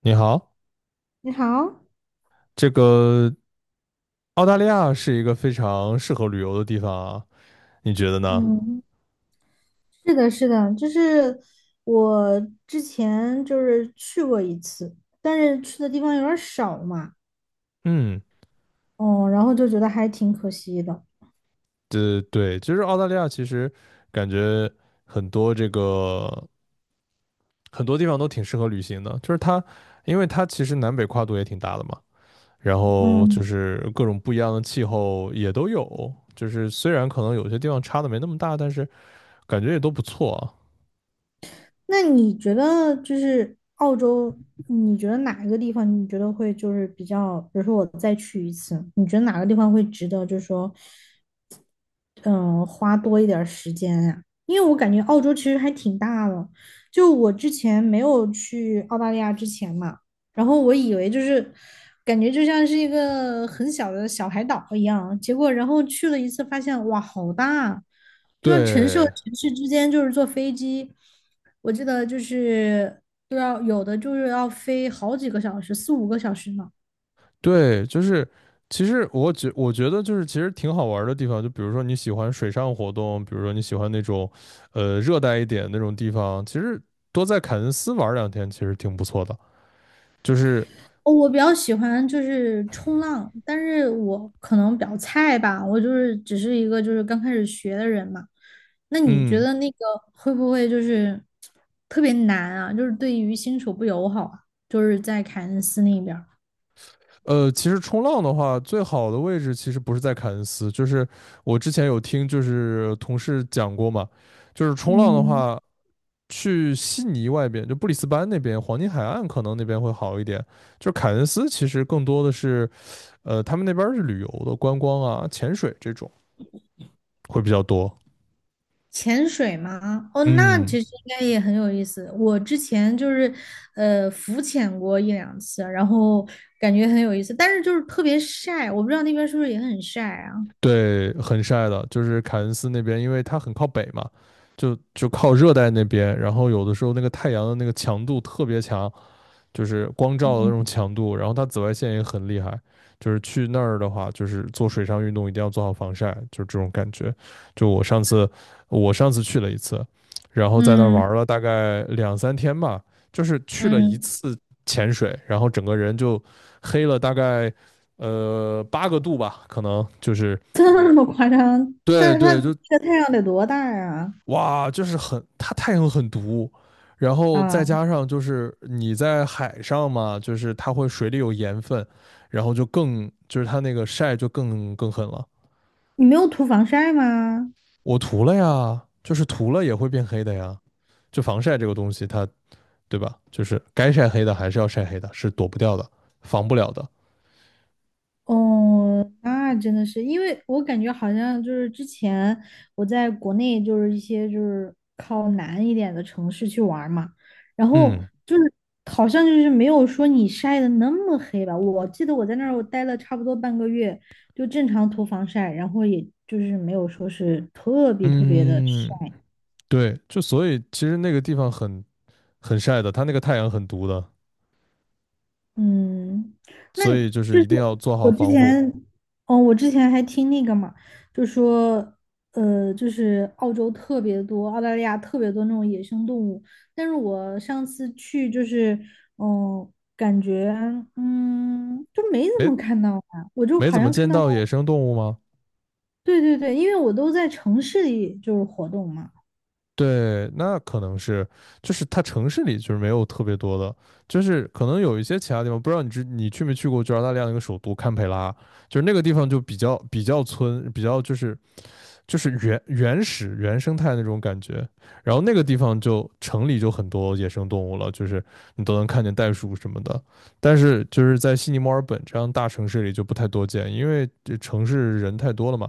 你好，你好。这个澳大利亚是一个非常适合旅游的地方啊，你觉得呢？嗯，是的，是的，就是我之前就是去过一次，但是去的地方有点儿少嘛。嗯，哦，然后就觉得还挺可惜的。对对，就是澳大利亚其实感觉很多这个很多地方都挺适合旅行的，就是它，因为它其实南北跨度也挺大的嘛，然后就嗯，是各种不一样的气候也都有，就是虽然可能有些地方差的没那么大，但是感觉也都不错啊。那你觉得就是澳洲，你觉得哪一个地方你觉得会就是比较，比如说我再去一次，你觉得哪个地方会值得，就是说，花多一点儿时间呀、因为我感觉澳洲其实还挺大的。就我之前没有去澳大利亚之前嘛，然后我以为就是感觉就像是一个很小的小海岛一样，结果然后去了一次，发现哇，好大啊！就像城市和对，城市之间，就是坐飞机，我记得就是都要有的就是要飞好几个小时，四五个小时呢。对，就是其实我觉得就是其实挺好玩儿的地方，就比如说你喜欢水上活动，比如说你喜欢那种热带一点那种地方，其实多在凯恩斯玩儿两天其实挺不错的。就是哦，我比较喜欢就是冲浪，但是我可能比较菜吧，我就是只是一个就是刚开始学的人嘛。那你觉嗯得那个会不会就是特别难啊？就是对于新手不友好啊？就是在凯恩斯那边儿。其实冲浪的话，最好的位置其实不是在凯恩斯，就是我之前有听就是同事讲过嘛，就是冲浪的嗯。话。去悉尼外边，就布里斯班那边，黄金海岸可能那边会好一点。就是凯恩斯其实更多的是，他们那边是旅游的，观光啊、潜水这种会比较多。潜水吗？哦，那嗯，其实应该也很有意思。我之前就是浮潜过一两次，然后感觉很有意思，但是就是特别晒，我不知道那边是不是也很晒啊？对，很晒的，就是凯恩斯那边，因为它很靠北嘛，就靠热带那边，然后有的时候那个太阳的那个强度特别强，就是光照的那种嗯强度，然后它紫外线也很厉害。就是去那儿的话，就是做水上运动一定要做好防晒，就是这种感觉。就我上次，我上次去了一次，然后在那儿嗯。玩了大概2、3天吧，就是去了一嗯 次潜水，然后整个人就黑了大概8个度吧，可能就是 这么夸张？但对是它对，就这太阳得多大呀？哇，就是很，它太阳很毒，然后再啊，加上就是你在海上嘛，就是它会水里有盐分，然后就它那个晒就更狠了。你没有涂防晒吗？我涂了呀，就是涂了也会变黑的呀。就防晒这个东西它，对吧？就是该晒黑的还是要晒黑的，是躲不掉的，防不了的。哦，那真的是，因为我感觉好像就是之前我在国内就是一些就是靠南一点的城市去玩儿嘛，然后嗯就是好像就是没有说你晒的那么黑吧。我记得我在那儿我待了差不多半个月，就正常涂防晒，然后也就是没有说是特别特别的嗯，晒。对，就所以其实那个地方很晒的，它那个太阳很毒的，嗯，那所以就就是是一定要做好我之防护。前，哦，我之前还听那个嘛，就说，就是澳洲特别多，澳大利亚特别多那种野生动物。但是我上次去就是，感觉，就没怎哎，么看到啊，我就没好怎么像看见到，到野生动物吗？对对对，因为我都在城市里就是活动嘛。对，那可能是，就是它城市里就是没有特别多的，就是可能有一些其他地方，不知道你去没去过，就澳大利亚那个首都堪培拉，就是那个地方就比较村，比较就是就是原始原生态那种感觉。然后那个地方就城里就很多野生动物了，就是你都能看见袋鼠什么的。但是就是在悉尼、墨尔本这样大城市里就不太多见，因为这城市人太多了嘛，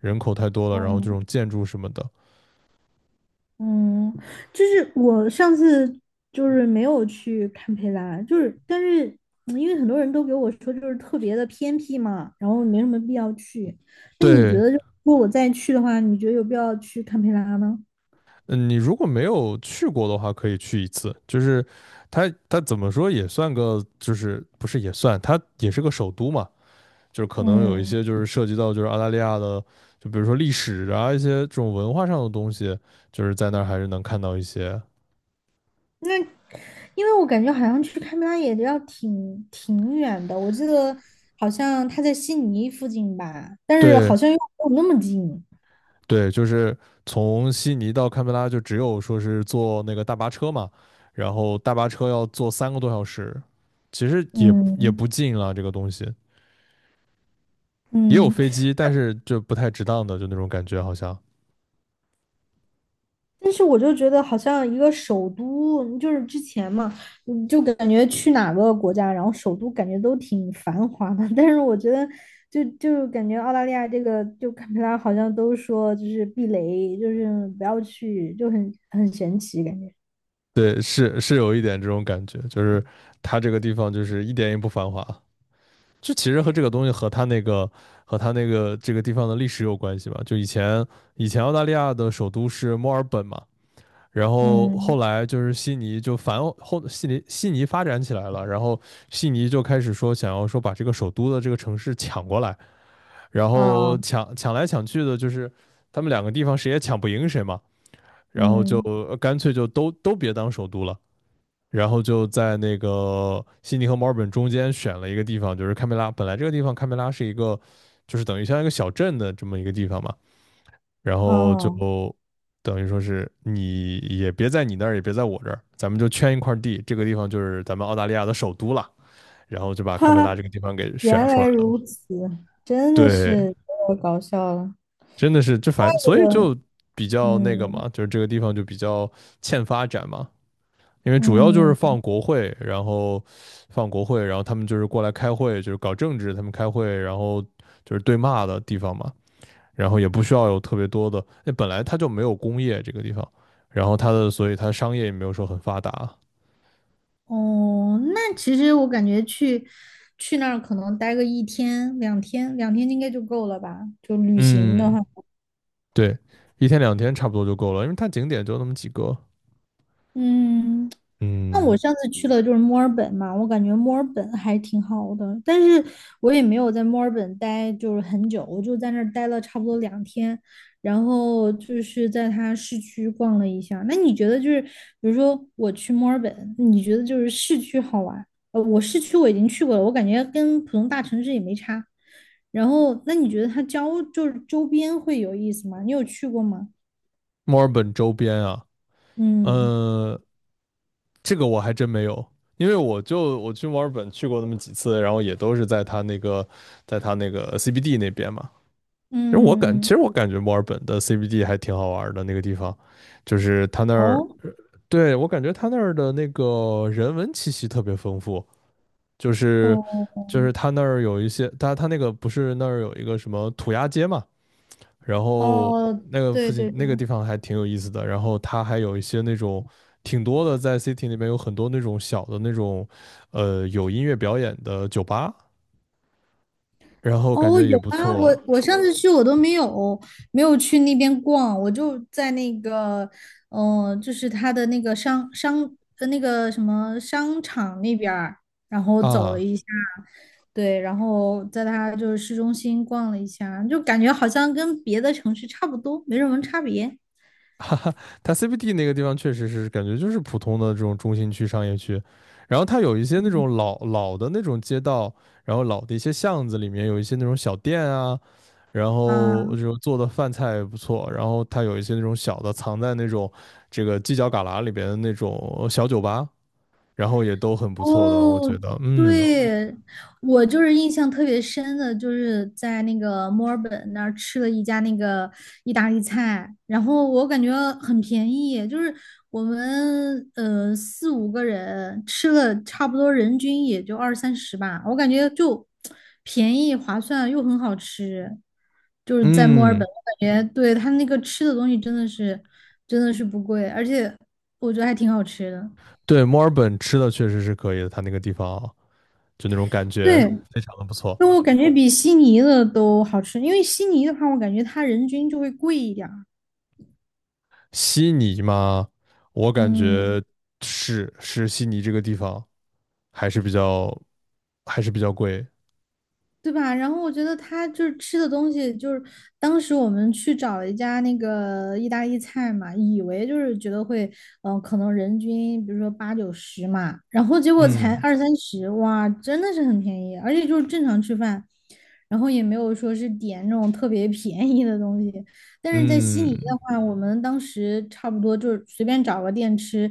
人口太多了，然后这嗯，种建筑什么的，嗯，就是我上次就是没有去堪培拉，就是但是因为很多人都给我说就是特别的偏僻嘛，然后没什么必要去。那你觉对。得就如果我再去的话，你觉得有必要去堪培拉吗？嗯，你如果没有去过的话，可以去一次。就是它，它怎么说也算个，就是不是也算，它也是个首都嘛。就是可能有一嗯，些就是涉及到就是澳大利亚的，就比如说历史啊一些这种文化上的东西，就是在那儿还是能看到一些。那因为我感觉好像去堪培拉也要挺远的，我记得好像他在悉尼附近吧，但是好对像又没有那么近。对，就是从悉尼到堪培拉就只有说是坐那个大巴车嘛，然后大巴车要坐3个多小时，其实也嗯不近了这个东西，也有嗯，飞机，但是就不太值当的，就那种感觉好像。但是我就觉得好像一个首都，就是之前嘛，就感觉去哪个国家，然后首都感觉都挺繁华的。但是我觉得就感觉澳大利亚这个，就堪培拉好像都说就是避雷，就是不要去，就很神奇感觉。对，是是有一点这种感觉，就是它这个地方就是一点也不繁华。就其实和这个东西和它那个和它那个这个地方的历史有关系吧。就以前以前澳大利亚的首都是墨尔本嘛，然后嗯，后来就是悉尼就反后悉尼悉尼发展起来了，然后悉尼就开始说想要说把这个首都的这个城市抢过来，然后啊，抢来抢去的，就是他们2个地方谁也抢不赢谁嘛，然后就嗯，干脆就都别当首都了。然后就在那个悉尼和墨尔本中间选了一个地方，就是堪培拉。本来这个地方堪培拉是一个，就是等于像一个小镇的这么一个地方嘛。然后就啊，等于说是你也别在你那儿，也别在我这儿，咱们就圈一块地，这个地方就是咱们澳大利亚的首都了。然后就 把堪哈培哈，拉嗯，这个地方给选原出来来如了。此，真的对，是太搞笑了。真的是这反，这所个，以嗯就比较那个嗯。嘛，就是这个地方就比较欠发展嘛。因为主要就是嗯放国会，然后放国会，然后他们就是过来开会，就是搞政治，他们开会，然后就是对骂的地方嘛，然后也不需要有特别多的，那本来它就没有工业这个地方，然后它的，所以它商业也没有说很发达，哦，那其实我感觉去那儿可能待个1天、两天，两天应该就够了吧？就旅行的嗯，话。对，一天两天差不多就够了，因为它景点就那么几个，嗯，那我嗯，上次去了就是墨尔本嘛，我感觉墨尔本还挺好的，但是我也没有在墨尔本待就是很久，我就在那儿待了差不多两天，然后就是在它市区逛了一下。那你觉得就是，比如说我去墨尔本，你觉得就是市区好玩？我市区我已经去过了，我感觉跟普通大城市也没差。然后，那你觉得它郊就是周边会有意思吗？你有去过吗？墨尔本周边啊，嗯嗯。这个我还真没有，因为我去墨尔本去过那么几次，然后也都是在它那个，在它那个 CBD 那边嘛。其嗯，实我感觉墨尔本的 CBD 还挺好玩的那个地方，就是它那儿，哦。对，我感觉它那儿的那个人文气息特别丰富，就是哦就是它那儿有一些，它那个不是那儿有一个什么涂鸦街嘛，然后哦，那个对附近对对，那个地方还挺有意思的，然后它还有一些那种挺多的，在 city 那边有很多那种小的那种，有音乐表演的酒吧，然后感哦觉也有不啊，我错我上次去我都没有去那边逛，我就在那个，就是他的那个商商呃那个什么商场那边儿然后走了啊。一下，对，然后在他就是市中心逛了一下，就感觉好像跟别的城市差不多，没什么差别它 CBD 那个地方确实是感觉就是普通的这种中心区商业区，然后它有一些那种老老的那种街道，然后老的一些巷子里面有一些那种小店啊，然后啊。就做的饭菜也不错，然后它有一些那种小的藏在那种这个犄角旮旯里边的那种小酒吧，然后也都很不错的，我哦，觉得，嗯对，我就是印象特别深的，就是在那个墨尔本那儿吃了一家那个意大利菜，然后我感觉很便宜，就是我们四五个人吃了差不多人均也就二三十吧，我感觉就便宜划算又很好吃，就是在墨尔本，嗯，我感觉对他那个吃的东西真的是不贵，而且我觉得还挺好吃的，对，墨尔本吃的确实是可以的，它那个地方就那种感觉对。非常的不错。那我感觉比悉尼的都好吃，因为悉尼的话，我感觉它人均就会贵一点儿。悉尼嘛，我感嗯，觉是是悉尼这个地方还是比较还是比较贵，对吧？然后我觉得他就是吃的东西，就是当时我们去找了一家那个意大利菜嘛，以为就是觉得会，可能人均比如说八九十嘛，然后结果才嗯二三十，哇，真的是很便宜，而且就是正常吃饭，然后也没有说是点那种特别便宜的东西。但是在悉嗯尼的话，我们当时差不多就是随便找个店吃，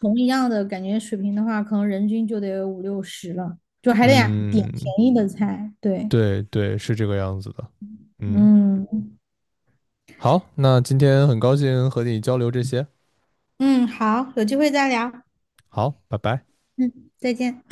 同一样的感觉水平的话，可能人均就得五六十了。就还得呀点嗯，便宜的菜。对，对对，是这个样子的，嗯。嗯好，那今天很高兴和你交流这些。嗯，好，有机会再聊，好，拜拜。再见。